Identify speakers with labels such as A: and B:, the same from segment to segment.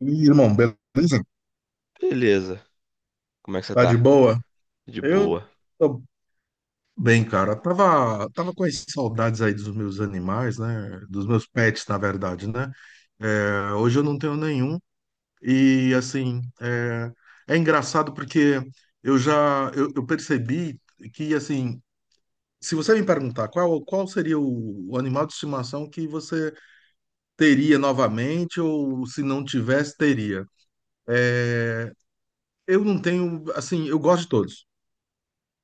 A: E, irmão, beleza?
B: Beleza. Como é que você
A: Tá de
B: tá?
A: boa?
B: De
A: Eu
B: boa.
A: tô bem, cara. Tava com as saudades aí dos meus animais, né? Dos meus pets, na verdade, né? É, hoje eu não tenho nenhum. E, assim, é engraçado porque eu percebi que, assim, se você me perguntar qual seria o animal de estimação que você teria novamente ou se não tivesse, teria. Eu não tenho, assim, eu gosto de todos.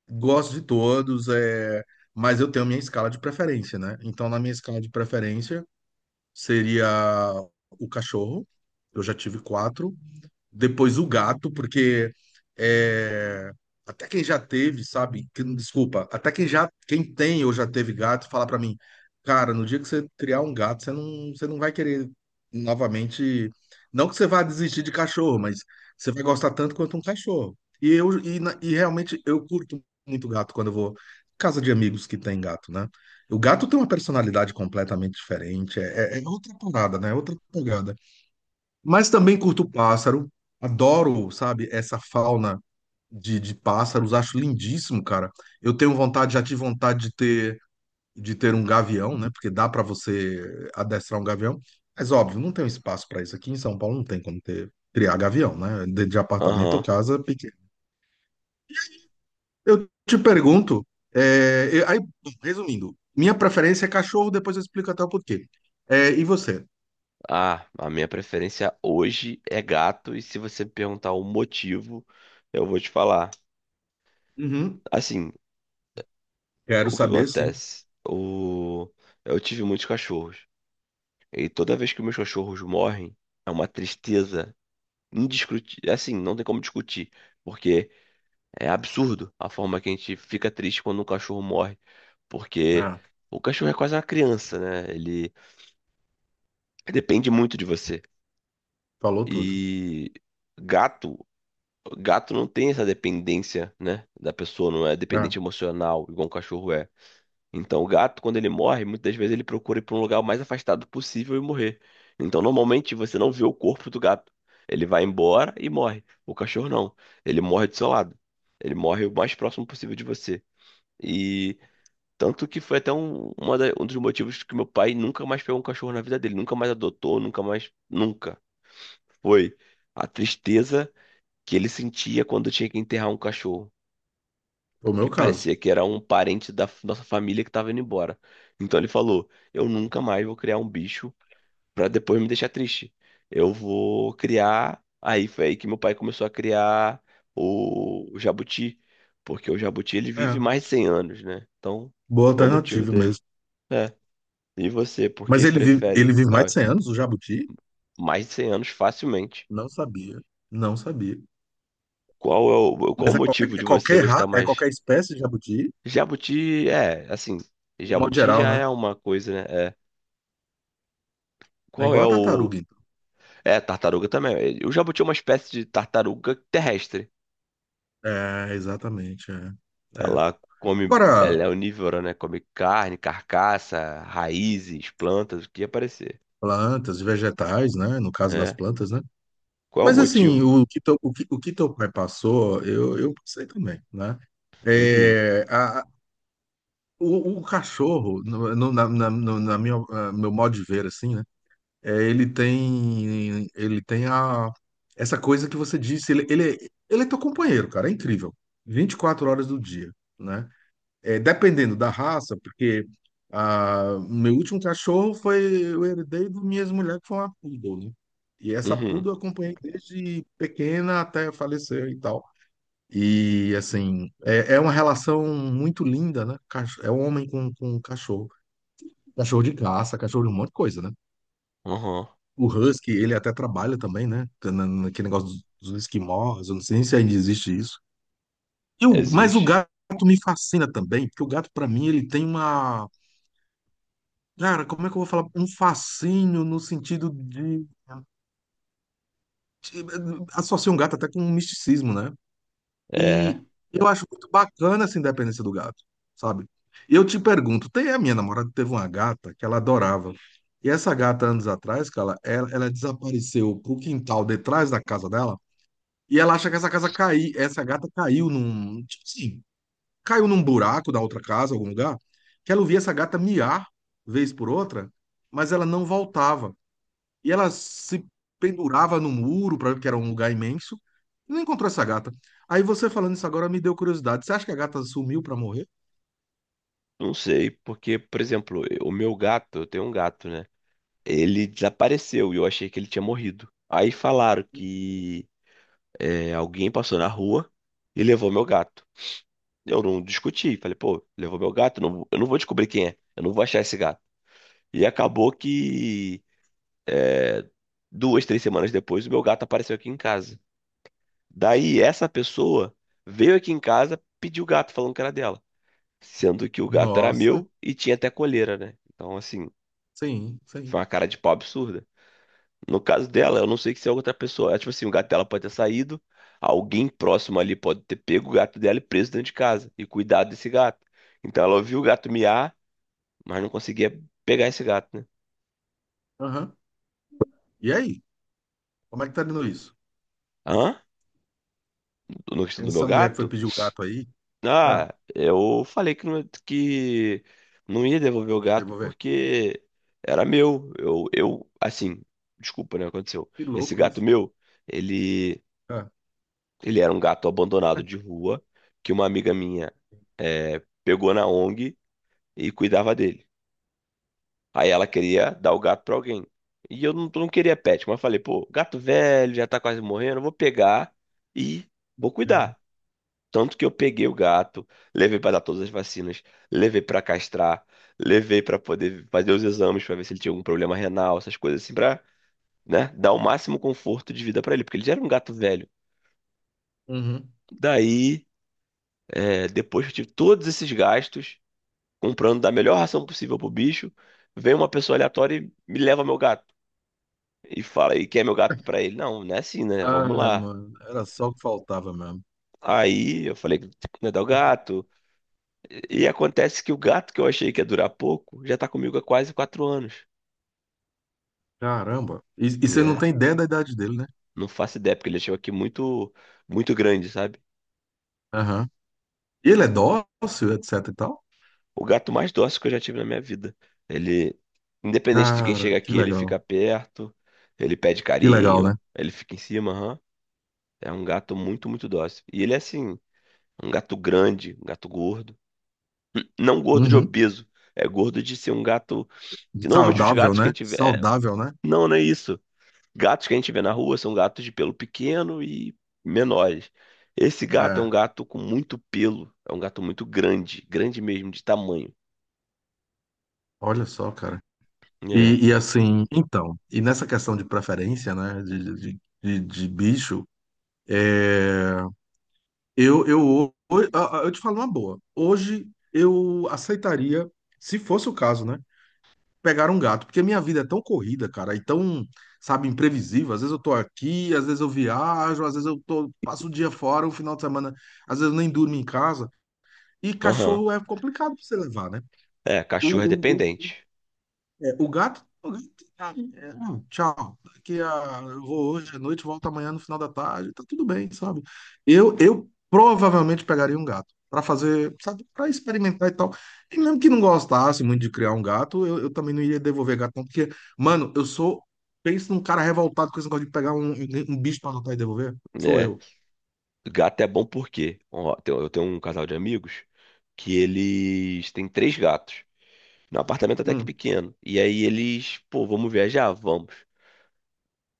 A: Gosto de todos, é, mas eu tenho minha escala de preferência, né? Então, na minha escala de preferência seria o cachorro. Eu já tive quatro depois o gato, porque é, até quem já teve, sabe? Desculpa, até quem tem ou já teve gato, fala pra mim, cara, no dia que você criar um gato, você não vai querer novamente, não que você vá desistir de cachorro, mas você vai gostar tanto quanto um cachorro. E realmente eu curto muito gato quando eu vou em casa de amigos que tem gato, né? O gato tem uma personalidade completamente diferente, é outra parada, né? É outra pegada. Mas também curto pássaro, adoro, sabe, essa fauna de pássaros, acho lindíssimo, cara. Eu tenho vontade, já tive vontade de ter um gavião, né? Porque dá para você adestrar um gavião, mas óbvio, não tem um espaço para isso aqui em São Paulo, não tem como ter, criar gavião, né? de apartamento ou
B: Aham.
A: casa pequena. Eu te pergunto, aí, resumindo, minha preferência é cachorro, depois eu explico até o porquê. É, e você?
B: Ah, a minha preferência hoje é gato, e se você me perguntar o motivo, eu vou te falar.
A: Uhum,
B: Assim,
A: quero
B: o que
A: saber, sim.
B: acontece? Eu tive muitos cachorros, e toda vez que meus cachorros morrem, é uma tristeza indiscutível. Assim, não tem como discutir, porque é absurdo a forma que a gente fica triste quando um cachorro morre, porque
A: Ah,
B: o cachorro é quase uma criança, né? Ele depende muito de você.
A: falou tudo.
B: E gato, gato não tem essa dependência, né? Da pessoa, não é
A: Ah,
B: dependente emocional, igual um cachorro é. Então, o gato, quando ele morre, muitas vezes ele procura ir para um lugar o mais afastado possível e morrer. Então, normalmente, você não vê o corpo do gato. Ele vai embora e morre. O cachorro não. Ele morre do seu lado. Ele morre o mais próximo possível de você. E tanto que foi até um dos motivos que meu pai nunca mais pegou um cachorro na vida dele. Nunca mais adotou, nunca mais. Nunca. Foi a tristeza que ele sentia quando tinha que enterrar um cachorro,
A: o
B: que
A: meu caso.
B: parecia que era um parente nossa família que estava indo embora. Então ele falou: eu nunca mais vou criar um bicho para depois me deixar triste. Eu vou criar. Aí foi aí que meu pai começou a criar o jabuti, porque o jabuti ele
A: É,
B: vive mais de 100 anos, né? Então,
A: boa
B: foi o motivo
A: alternativa
B: dele.
A: mesmo.
B: É. E você, por
A: Mas
B: que
A: ele
B: prefere?
A: vive mais
B: Ó,
A: de 100 anos, o jabuti?
B: mais de 100 anos facilmente?
A: Não sabia, não sabia.
B: Qual é qual o
A: Mas
B: motivo de você gostar
A: é
B: mais?
A: qualquer espécie de jabuti,
B: Jabuti, é, assim,
A: de modo
B: jabuti
A: geral,
B: já
A: né?
B: é uma coisa, né? É.
A: É
B: Qual é
A: igual a
B: o.
A: tartaruga, então.
B: É, tartaruga também. O jabuti é uma espécie de tartaruga terrestre.
A: É, exatamente, é. É.
B: Ela come.
A: Agora,
B: Ela é onívora, né? Come carne, carcaça, raízes, plantas, o que aparecer.
A: plantas, vegetais, né? No caso das
B: É.
A: plantas, né?
B: Qual é o
A: Mas assim,
B: motivo?
A: o que teu pai passou, eu passei também, né?
B: Uhum,
A: É, a, a- o cachorro, no, no- na, na, no- na minha, ah, meu modo de ver, assim, é, ele tem essa coisa que você disse, ele é teu companheiro, cara, é incrível. 24 horas do dia, né? É, dependendo da raça, porque meu último cachorro foi, eu herdei do minhas mulheres que foi uma poodle, né? E essa
B: uhum,
A: poodle eu acompanhei desde pequena até falecer e tal. E, assim, é uma relação muito linda, né? É um homem com um cachorro. Cachorro de caça, cachorro de um monte de coisa, né?
B: uhum.
A: O Husky, ele até trabalha também, né? Naquele negócio dos esquimós, eu não sei nem se ainda existe isso. Mas o
B: Existe.
A: gato me fascina também, porque o gato, pra mim, ele tem uma. Cara, como é que eu vou falar? Um fascínio no sentido de. de- Associa um gato até com um misticismo, né?
B: É.
A: E eu acho muito bacana essa independência do gato, sabe? E eu te pergunto, tem a minha namorada teve uma gata que ela adorava. E essa gata, anos atrás, cara, ela desapareceu pro quintal detrás da casa dela. E ela acha que essa gata caiu num, tipo assim, caiu num buraco da outra casa, algum lugar, que ela ouvia essa gata miar vez por outra, mas ela não voltava. E ela se pendurava no muro, pra, que era um lugar imenso, e não encontrou essa gata. Aí você falando isso agora me deu curiosidade. Você acha que a gata sumiu pra morrer?
B: Não sei, porque, por exemplo, o meu gato, eu tenho um gato, né? Ele desapareceu e eu achei que ele tinha morrido. Aí falaram que alguém passou na rua e levou meu gato. Eu não discuti, falei, pô, levou meu gato, não- eu não vou descobrir quem é, eu não vou achar esse gato. E acabou que duas, 3 semanas depois, o meu gato apareceu aqui em casa. Daí essa pessoa veio aqui em casa, pediu o gato, falando que era dela. Sendo que o gato era
A: Nossa,
B: meu e tinha até coleira, né? Então, assim,
A: sim, sim.
B: foi uma cara de pau absurda. No caso dela, eu não sei se é outra pessoa. É, tipo assim, o gato dela pode ter saído, alguém próximo ali pode ter pego o gato dela e preso dentro de casa e cuidado desse gato. Então ela ouviu o gato miar, mas não conseguia pegar esse gato, né?
A: Aham. E aí? Como é que tá dando isso?
B: Hã? No questão do meu
A: Essa mulher que foi
B: gato?
A: pedir o gato aí, ah,
B: Ah, eu falei que não ia devolver o
A: quer
B: gato
A: devolver?
B: porque era meu. Eu, assim, desculpa, né? Aconteceu.
A: Que
B: Esse
A: louco
B: gato
A: isso.
B: meu, ele
A: Ah,
B: Ele era um gato abandonado de rua que uma amiga minha pegou na ONG e cuidava dele. Aí ela queria dar o gato pra alguém. E eu não queria pet, mas eu falei, pô, gato velho, já tá quase morrendo, eu vou pegar e vou
A: é.
B: cuidar. Tanto que eu peguei o gato, levei pra dar todas as vacinas, levei pra castrar, levei pra poder fazer os exames pra ver se ele tinha algum problema renal, essas coisas assim, pra, né, dar o máximo conforto de vida pra ele, porque ele já era um gato velho.
A: Uhum.
B: Daí depois que eu tive todos esses gastos, comprando da melhor ração possível pro bicho, vem uma pessoa aleatória e me leva meu gato. E fala, e quer meu gato pra ele? Não, não é assim, né? Vamos
A: Ai,
B: lá.
A: mano, era só o que faltava mesmo.
B: Aí eu falei, não é dar o gato. E acontece que o gato que eu achei que ia durar pouco, já tá comigo há quase 4 anos.
A: Caramba. E você não
B: É,
A: tem ideia da idade dele, né?
B: não faço ideia, porque ele chegou aqui muito, muito grande, sabe?
A: Aham. E ele é dócil, etc e tal?
B: O gato mais dócil que eu já tive na minha vida. Ele, independente de quem
A: Cara,
B: chega
A: que
B: aqui, ele
A: legal.
B: fica perto, ele pede
A: Que legal, né?
B: carinho, ele fica em cima, é um gato muito, muito dócil. E ele é assim, um gato grande, um gato gordo. Não gordo de
A: Uhum.
B: obeso. É gordo de ser um gato. Que normalmente os
A: Saudável,
B: gatos que a
A: né?
B: gente vê.
A: Saudável, né?
B: Não, não é isso. Gatos que a gente vê na rua são gatos de pelo pequeno e menores. Esse gato é um
A: É.
B: gato com muito pelo. É um gato muito grande. Grande mesmo, de tamanho.
A: Olha só, cara.
B: É.
A: E assim, então, e nessa questão de preferência, né? de bicho, é, eu, ho- ho- ah, ah, eu te falo uma boa. Hoje eu aceitaria, se fosse o caso, né? Pegar um gato, porque a minha vida é tão corrida, cara, e tão, sabe, imprevisível. Às vezes eu tô aqui, às vezes eu viajo, às vezes eu tô, passo o dia fora, o final de semana, às vezes eu nem durmo em casa. E
B: Aham.
A: cachorro é complicado pra você levar, né?
B: É,
A: O,
B: cachorro é
A: o,
B: dependente.
A: o gato, ah, é, tchau. Eu vou hoje à noite, volto amanhã no final da tarde, tá tudo bem, sabe? Eu provavelmente pegaria um gato para fazer, sabe, para experimentar e tal. E mesmo que não gostasse muito de criar um gato, eu também não iria devolver gato, não, porque, mano, penso num cara revoltado com esse negócio de pegar um bicho para adotar e devolver. Sou
B: Né?
A: eu.
B: Gato é bom por quê? Ó, eu tenho um casal de amigos que eles têm três gatos. Num apartamento até que
A: Hum.
B: pequeno. E aí eles, pô, vamos viajar? Vamos.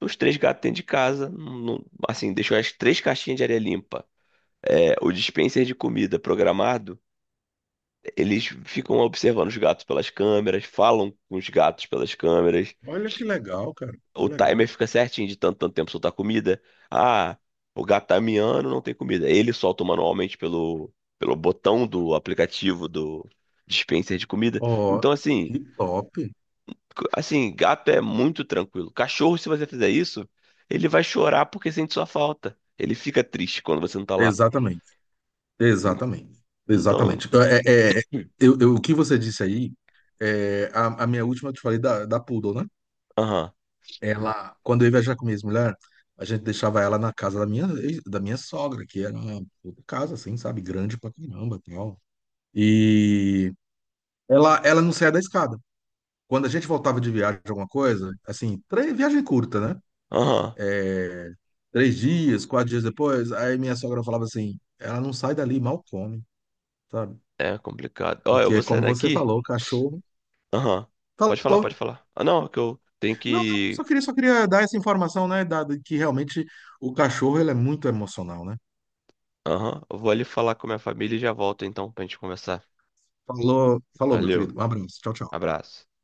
B: Os três gatos dentro de casa, não- assim, deixou as três caixinhas de areia limpa. É, o dispenser de comida programado, eles ficam observando os gatos pelas câmeras, falam com os gatos pelas câmeras.
A: Olha que legal, cara, que
B: O
A: legal.
B: timer fica certinho de tanto, tanto tempo soltar comida. Ah, o gato tá miando, não tem comida. Ele solta manualmente pelo botão do aplicativo do dispenser de comida.
A: Ó,
B: Então, assim,
A: que top.
B: Assim, gato é muito tranquilo. Cachorro, se você fizer isso, ele vai chorar porque sente sua falta. Ele fica triste quando você não tá lá.
A: Exatamente. Exatamente,
B: Então,
A: exatamente. Então,
B: hum.
A: o que você disse aí, é, a minha última, que eu te falei da Poodle, né?
B: Aham,
A: Ela, quando eu ia viajar com minha mulher, a gente deixava ela na casa da minha, sogra, que era uma puta casa, assim, sabe? Grande pra caramba e tal. E ela não saía da escada. Quando a gente voltava de viagem, alguma coisa, assim, viagem curta, né?
B: aham.
A: É, 3 dias, 4 dias depois, aí minha sogra falava assim, ela não sai dali, mal come, sabe?
B: É complicado. Ó, eu
A: Porque
B: vou
A: é como
B: saindo
A: você
B: aqui.
A: falou, cachorro.
B: Aham. Pode falar,
A: Falou.
B: pode falar. Ah, não, é que eu tenho
A: Não, não,
B: que.
A: só queria dar essa informação, né? De que realmente o cachorro ele é muito emocional, né?
B: Aham. Eu vou ali falar com a minha família e já volto então pra gente conversar.
A: Falou, falou, meu querido.
B: Valeu.
A: Um abraço. Tchau, tchau.
B: Abraço.